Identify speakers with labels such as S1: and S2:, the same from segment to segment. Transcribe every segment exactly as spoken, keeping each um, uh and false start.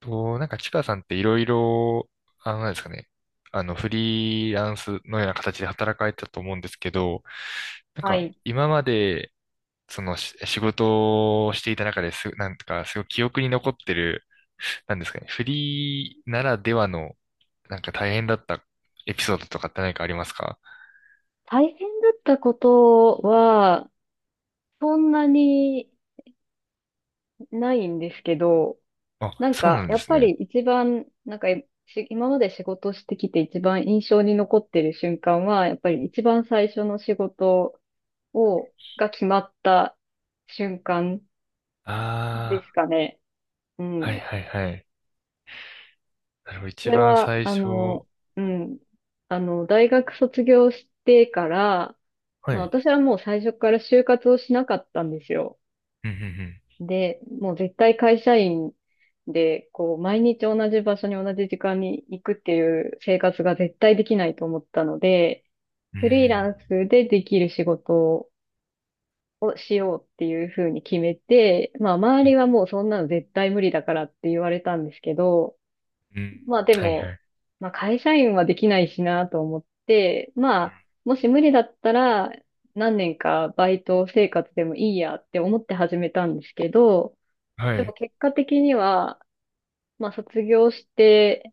S1: と、なんか、ちかさんっていろいろ、あの、なんですかね、あの、フリーランスのような形で働かれてたと思うんですけど、なん
S2: は
S1: か、
S2: い。
S1: 今まで、その、し仕事をしていた中です、なんか、すごい記憶に残ってる、なんですかね、フリーならではの、なんか大変だったエピソードとかって何かありますか？
S2: 大変だったことは、そんなにないんですけど、
S1: あ、
S2: なん
S1: そう
S2: か、
S1: なんで
S2: やっ
S1: す
S2: ぱり
S1: ね。
S2: 一番、なんか、し今まで仕事してきて一番印象に残ってる瞬間は、やっぱり一番最初の仕事を、が決まった瞬間で
S1: あ
S2: すかね。う
S1: あ、はい
S2: ん。
S1: はいはい。なるほど、
S2: そ
S1: 一
S2: れ
S1: 番
S2: は、
S1: 最
S2: あ
S1: 初、
S2: の、うん。あの、大学卒業してから、
S1: は
S2: まあ
S1: い。
S2: 私はもう最初から就活をしなかったんですよ。
S1: うん、
S2: で、もう絶対会社員で、こう、毎日同じ場所に同じ時間に行くっていう生活が絶対できないと思ったので、
S1: うん、うん。う
S2: フリー
S1: ー
S2: ラ
S1: ん、
S2: ンスでできる仕事をしようっていうふうに決めて、まあ、周りはもうそんなの絶対無理だからって言われたんですけど、
S1: うん、うん、
S2: まあで
S1: はいは
S2: も、
S1: い。
S2: まあ会社員はできないしなと思って、まあ、もし無理だったら、何年かバイト生活でもいいやって思って始めたんですけど、
S1: は
S2: でも
S1: い。
S2: 結果的には、まあ卒業して、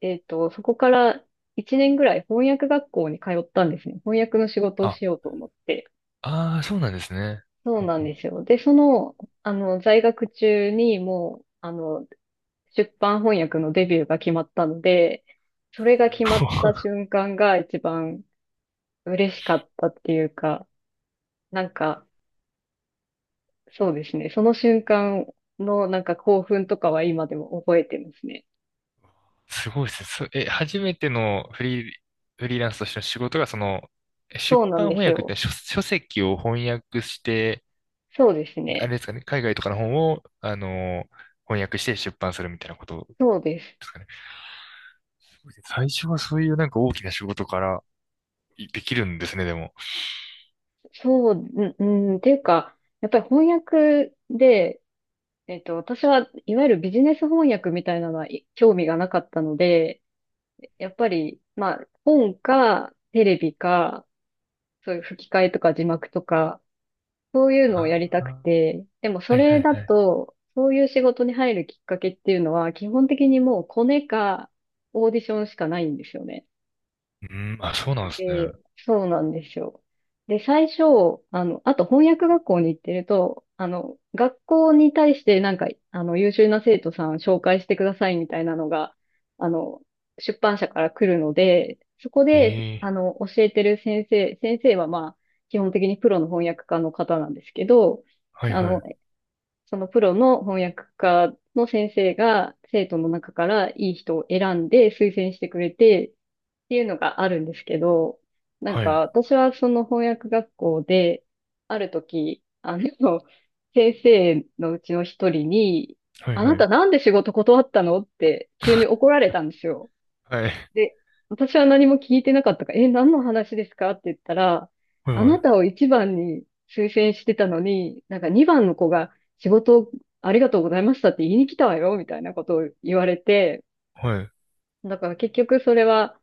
S2: えっと、そこからいちねんぐらい翻訳学校に通ったんですね。翻訳の仕事を
S1: あ、
S2: しようと思って。
S1: ああ、そうなんですね。
S2: そう
S1: うん
S2: なん
S1: う
S2: で
S1: ん、
S2: すよ。で、その、あの、在学中にもう、あの、出版翻訳のデビューが決まったので、それが決
S1: す
S2: まっ
S1: ごい、
S2: た瞬間が一番嬉しかったっていうか、なんか、そうですね。その瞬間のなんか興奮とかは今でも覚えてますね。
S1: すごいですね。そえ、初めてのフリー、フリーランスとしての仕事が、その、え
S2: そ
S1: 出
S2: うなん
S1: 版
S2: で
S1: 翻
S2: す
S1: 訳っ
S2: よ。
S1: て書、書籍を翻訳して、
S2: そうです
S1: あれ
S2: ね。
S1: ですかね、海外とかの本を、あの、翻訳して出版するみたいなことで
S2: そうです。
S1: すかね。すごいですね。最初はそういうなんか大きな仕事からいできるんですね、でも。
S2: そう、うん、うんっていうか、やっぱり翻訳で、えっと、私はいわゆるビジネス翻訳みたいなのはい興味がなかったので、やっぱり、まあ、本か、テレビか、そういう吹き替えとか字幕とか、そういうのをや
S1: あ
S2: りたく
S1: あ、
S2: て、でもそ
S1: はいは
S2: れ
S1: い
S2: だ
S1: はい。
S2: と、そういう仕事に入るきっかけっていうのは、基本的にもうコネか、オーディションしかないんですよね。
S1: うん、あ、そうなんですね。
S2: で、そうなんですよ。で、最初、あの、あと翻訳学校に行ってると、あの、学校に対してなんか、あの、優秀な生徒さん紹介してくださいみたいなのが、あの、出版社から来るので、そこ
S1: え
S2: で、
S1: え、
S2: あの、教えてる先生、先生はまあ、基本的にプロの翻訳家の方なんですけど、
S1: はい
S2: あ
S1: は
S2: の、
S1: い。
S2: そのプロの翻訳家の先生が生徒の中からいい人を選んで推薦してくれて、っていうのがあるんですけど、なん
S1: は
S2: か
S1: い、
S2: 私はその翻訳学校で、ある時、あの、先生のうちの一人に、
S1: はい
S2: あ
S1: は
S2: なた
S1: い。
S2: なんで仕事断ったのって急に怒られたんですよ。
S1: はい、
S2: で、私は何も聞いてなかったから、え、何の話ですかって言ったら、
S1: はい
S2: あ
S1: は
S2: な
S1: い。
S2: たを一番に推薦してたのに、なんか二番の子が仕事をありがとうございましたって言いに来たわよ、みたいなことを言われて、
S1: はい。
S2: だから結局それは、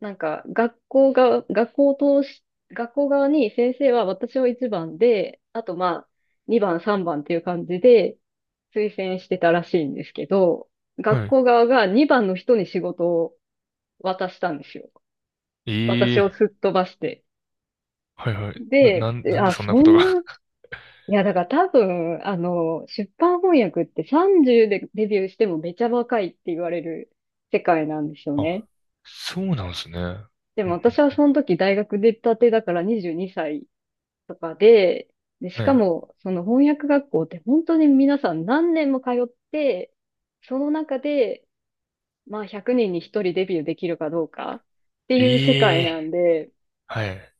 S2: なんか、学校が、学校を通し、学校側に先生は私をいちばんで、あとまあ、にばん、さんばんっていう感じで推薦してたらしいんですけど、学
S1: はい。
S2: 校側がにばんの人に仕事を渡したんですよ。私
S1: え
S2: を
S1: え、
S2: すっ飛ばして。
S1: はいはい。な、な
S2: で、
S1: ん、
S2: で
S1: なんで
S2: あ、
S1: そんな
S2: そ
S1: こと
S2: ん
S1: が？
S2: な、いや、だから多分、あの、出版翻訳ってさんじゅうでデビューしてもめちゃ若いって言われる世界なんですよ
S1: あ、
S2: ね。
S1: そうなんですね。うん
S2: で
S1: う
S2: も私は
S1: ん、
S2: その時大学出たてだからにじゅうにさいとかで、で、し
S1: は
S2: か
S1: い。
S2: も、その翻訳学校って本当に皆さん何年も通って、その中で、まあひゃくにんにひとりデビューできるかどうかっていう世
S1: え
S2: 界なん
S1: え、
S2: で、
S1: はい。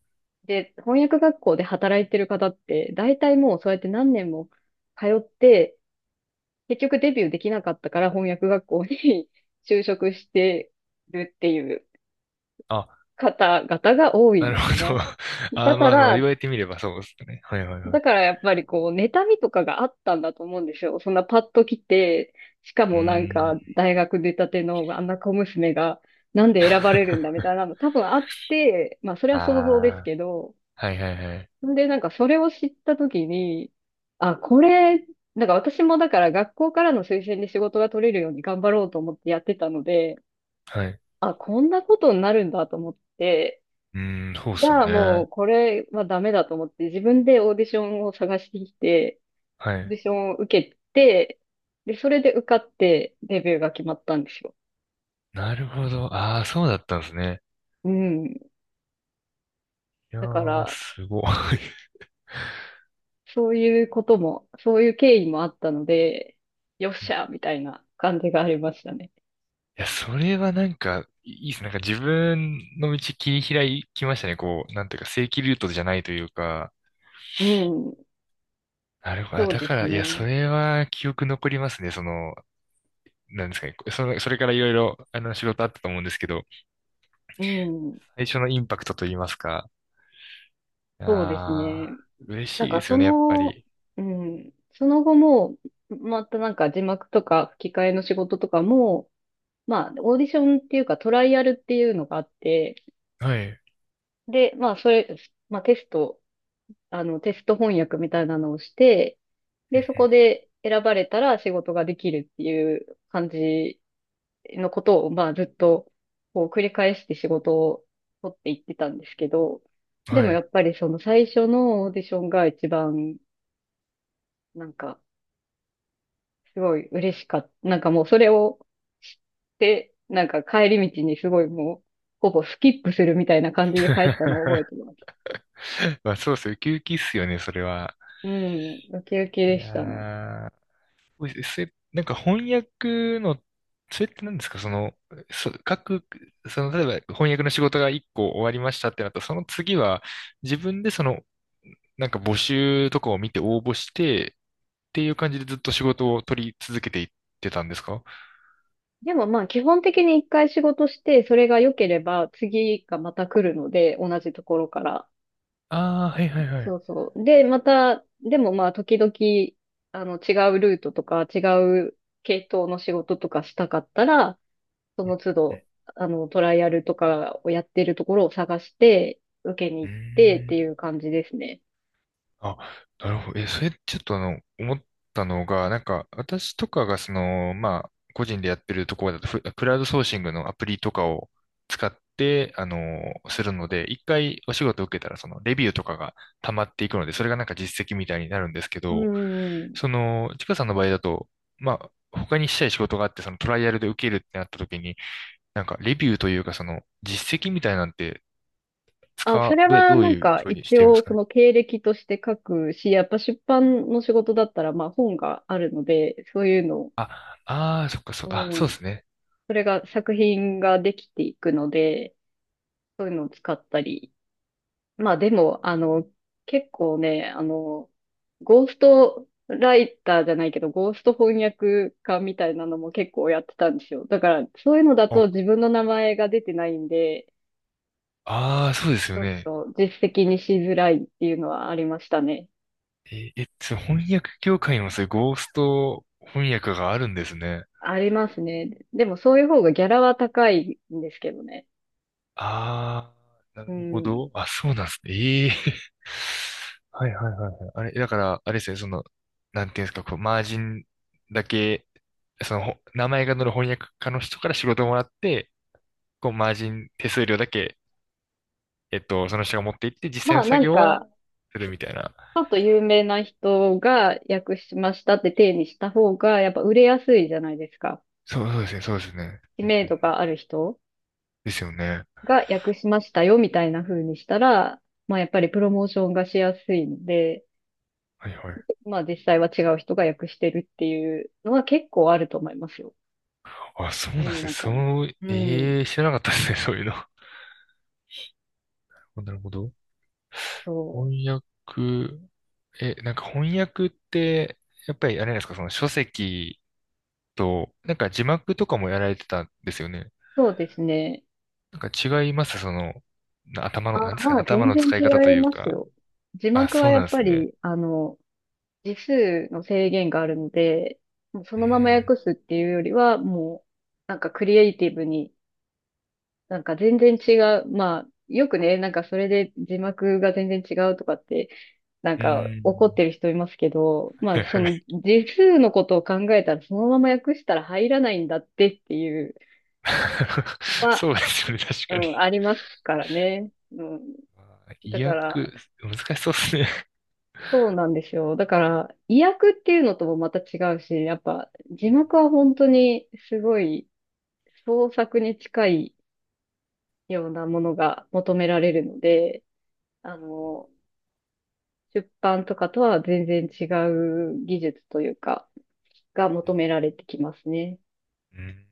S2: で、翻訳学校で働いてる方って、大体もうそうやって何年も通って、結局デビューできなかったから翻訳学校に 就職してるっていう
S1: あ、
S2: 方々が多いん
S1: なる
S2: ですよ
S1: ほど。
S2: ね。だ
S1: あ、
S2: か
S1: まあまあ、言
S2: ら、
S1: われてみればそうですね。はいはいは
S2: だ
S1: い。
S2: からやっぱりこう、妬みとかがあったんだと思うんですよ。そんなパッと来て、しか
S1: うー
S2: もなんか
S1: ん。
S2: 大学出たてのあんな小娘がなんで選ばれるんだみた いなの多分あって、まあそれ
S1: あ
S2: は想像です
S1: あ、
S2: けど、
S1: はいはいはい。
S2: んでなんかそれを知った時に、あ、これ、なんか私もだから学校からの推薦で仕事が取れるように頑張ろうと思ってやってたので、
S1: はい。う
S2: あ、こんなことになるんだと思って、
S1: ーん、そうっ
S2: じ
S1: すよ
S2: ゃあも
S1: ね。
S2: うこれはダメだと思って自分でオーディションを探してきて、
S1: は
S2: オーデ
S1: い。
S2: ィションを受けて、で、それで受かってデビューが決まったんですよ。
S1: なるほど。ああ、そうだったんですね。
S2: うん。
S1: いや
S2: だか
S1: ー、
S2: ら、
S1: すごい。
S2: そういうことも、そういう経緯もあったので、よっしゃみたいな感じがありましたね。
S1: いや、それはなんか、いいいっす。なんか自分の道切り開きましたね。こう、なんていうか、正規ルートじゃないというか。
S2: うん。
S1: なるほど。あ、
S2: そう
S1: だ
S2: で
S1: か
S2: す
S1: ら、いや、
S2: ね。
S1: それは記憶残りますね。その、なんですかね。その、それからいろいろ、あの、仕事あったと思うんですけど、
S2: うん。
S1: 最初のインパクトと言いますか。
S2: そうです
S1: ああ、
S2: ね。
S1: 嬉
S2: なん
S1: しいで
S2: か
S1: す
S2: そ
S1: よね、やっぱ
S2: の、
S1: り。
S2: うん。その後も、またなんか字幕とか吹き替えの仕事とかも、まあ、オーディションっていうかトライアルっていうのがあって、
S1: はい。う
S2: で、まあ、それ、まあ、テスト、あの、テスト翻訳みたいなのをして、で、そこ
S1: ん
S2: で選ばれたら仕事ができるっていう感じのことを、まあ、ずっと、こう、繰り返して仕事を取っていってたんですけど、
S1: うん、
S2: で
S1: は
S2: もや
S1: い。
S2: っぱりその最初のオーディションが一番、なんか、すごい嬉しかった。なんかもうそれを知って、なんか帰り道にすごいもう、ほぼスキップするみたいな感じで帰ったのを覚えてます。
S1: まあ、そうですよ。ウキウキっすよね、それは。
S2: うん、ウキウキ
S1: い
S2: で
S1: や
S2: したね。
S1: ー、お、う、それ、なんか翻訳の、それって何ですか、その、そ、各、その、例えば翻訳の仕事がいっこ終わりましたってなったら、その次は自分でその、なんか募集とかを見て応募してっていう感じでずっと仕事を取り続けていってたんですか？
S2: でもまあ基本的に一回仕事して、それが良ければ次がまた来るので、同じところから。
S1: ああー、はいはいはい。
S2: そうそう。で、また、でもまあ時々、あの違うルートとか違う系統の仕事とかしたかったら、その都
S1: うん、
S2: 度、あのトライアルとかをやってるところを探して、受け
S1: う
S2: に
S1: ー
S2: 行ってって
S1: ん。
S2: いう感じですね。
S1: あ、なるほど。え、それちょっとあの、思ったのが、なんか、私とかがその、まあ、個人でやってるところだと、フクラウドソーシングのアプリとかを使って、あの、するので、一回お仕事を受けたら、その、レビューとかが溜まっていくので、それがなんか実績みたいになるんですけ
S2: う
S1: ど、
S2: ん。
S1: その、ちかさんの場合だと、まあ、他にしたい仕事があって、そのトライアルで受けるってなった時に、なんか、レビューというか、その、実績みたいなんて、
S2: あ、
S1: 使
S2: そ
S1: う、
S2: れ
S1: どう、
S2: は
S1: どう
S2: なん
S1: いう
S2: か
S1: ふうにし
S2: 一
S1: てるんです
S2: 応
S1: か
S2: そ
S1: ね。
S2: の経歴として書くし、やっぱ出版の仕事だったらまあ本があるので、そういうのを、
S1: あ、ああ、そっか、そう、
S2: う
S1: あ、そうで
S2: ん、
S1: すね。
S2: それが作品ができていくので、そういうのを使ったり。まあでも、あの、結構ね、あの、ゴーストライターじゃないけど、ゴースト翻訳家みたいなのも結構やってたんですよ。だから、そういうのだ
S1: あ、
S2: と自分の名前が出てないんで、
S1: ああ、そうですよ
S2: あ
S1: ね。
S2: の実績にしづらいっていうのはありましたね。
S1: え、え、その翻訳業界にもそういうゴースト翻訳があるんですね。
S2: ありますね。でもそういう方がギャラは高いんですけどね。
S1: ああ、な
S2: う
S1: るほ
S2: ん。
S1: ど。あ、そうなんですね。ええ、 はいはいはいはい。あれ、だから、あれですね、その、なんていうんですか、こう、マージンだけ、その、ほ名前が載る翻訳家の人から仕事をもらって、こう、マージン手数料だけ、えっと、その人が持って行って、実際
S2: ま
S1: の
S2: あ
S1: 作
S2: なん
S1: 業は
S2: か、
S1: する
S2: ち
S1: みたいな。
S2: ょっと有名な人が訳しましたって体にした方が、やっぱ売れやすいじゃないですか。
S1: そう、そうですね、そうですね。
S2: 知
S1: うん
S2: 名度
S1: うん、
S2: がある人
S1: ですよね。
S2: が訳しましたよみたいな風にしたら、まあやっぱりプロモーションがしやすいので、
S1: はいはい。
S2: まあ実際は違う人が訳してるっていうのは結構あると思いますよ。
S1: あ、そうな
S2: 世
S1: んで
S2: の
S1: すね。
S2: 中に。
S1: そう、
S2: うん。
S1: ええ、知らなかったですね、そういうの。なるほど。
S2: そ
S1: 翻
S2: う。
S1: 訳、え、なんか翻訳って、やっぱりあれなんですか、その書籍と、なんか字幕とかもやられてたんですよね。
S2: そうですね。
S1: なんか違います、その、な頭
S2: あ、
S1: の、なんですか
S2: ま
S1: ね、
S2: あ
S1: 頭
S2: 全
S1: の
S2: 然
S1: 使い方と
S2: 違い
S1: いう
S2: ます
S1: か。
S2: よ。字
S1: あ、
S2: 幕は
S1: そう
S2: や
S1: なん
S2: っ
S1: です
S2: ぱ
S1: ね。
S2: り、あの、字数の制限があるので、もうそ
S1: うー
S2: のまま
S1: ん、
S2: 訳すっていうよりは、もう、なんかクリエイティブに、なんか全然違う。まあ、よくね、なんかそれで字幕が全然違うとかって、な ん
S1: う
S2: か
S1: ー
S2: 怒っ
S1: ん。
S2: てる人いますけど、まあその 字数のことを考えたら、そのまま訳したら入らないんだってっていうのは、
S1: そうですよね、確
S2: う
S1: か
S2: ん、
S1: に。
S2: ありますからね。うん。
S1: あ、
S2: だ
S1: 意
S2: から、
S1: 訳、難しそうですね。
S2: そうなんですよ。だから、意訳っていうのともまた違うし、やっぱ字幕は本当にすごい創作に近いようなものが求められるので、あの、出版とかとは全然違う技術というか、が求められてきますね。
S1: うん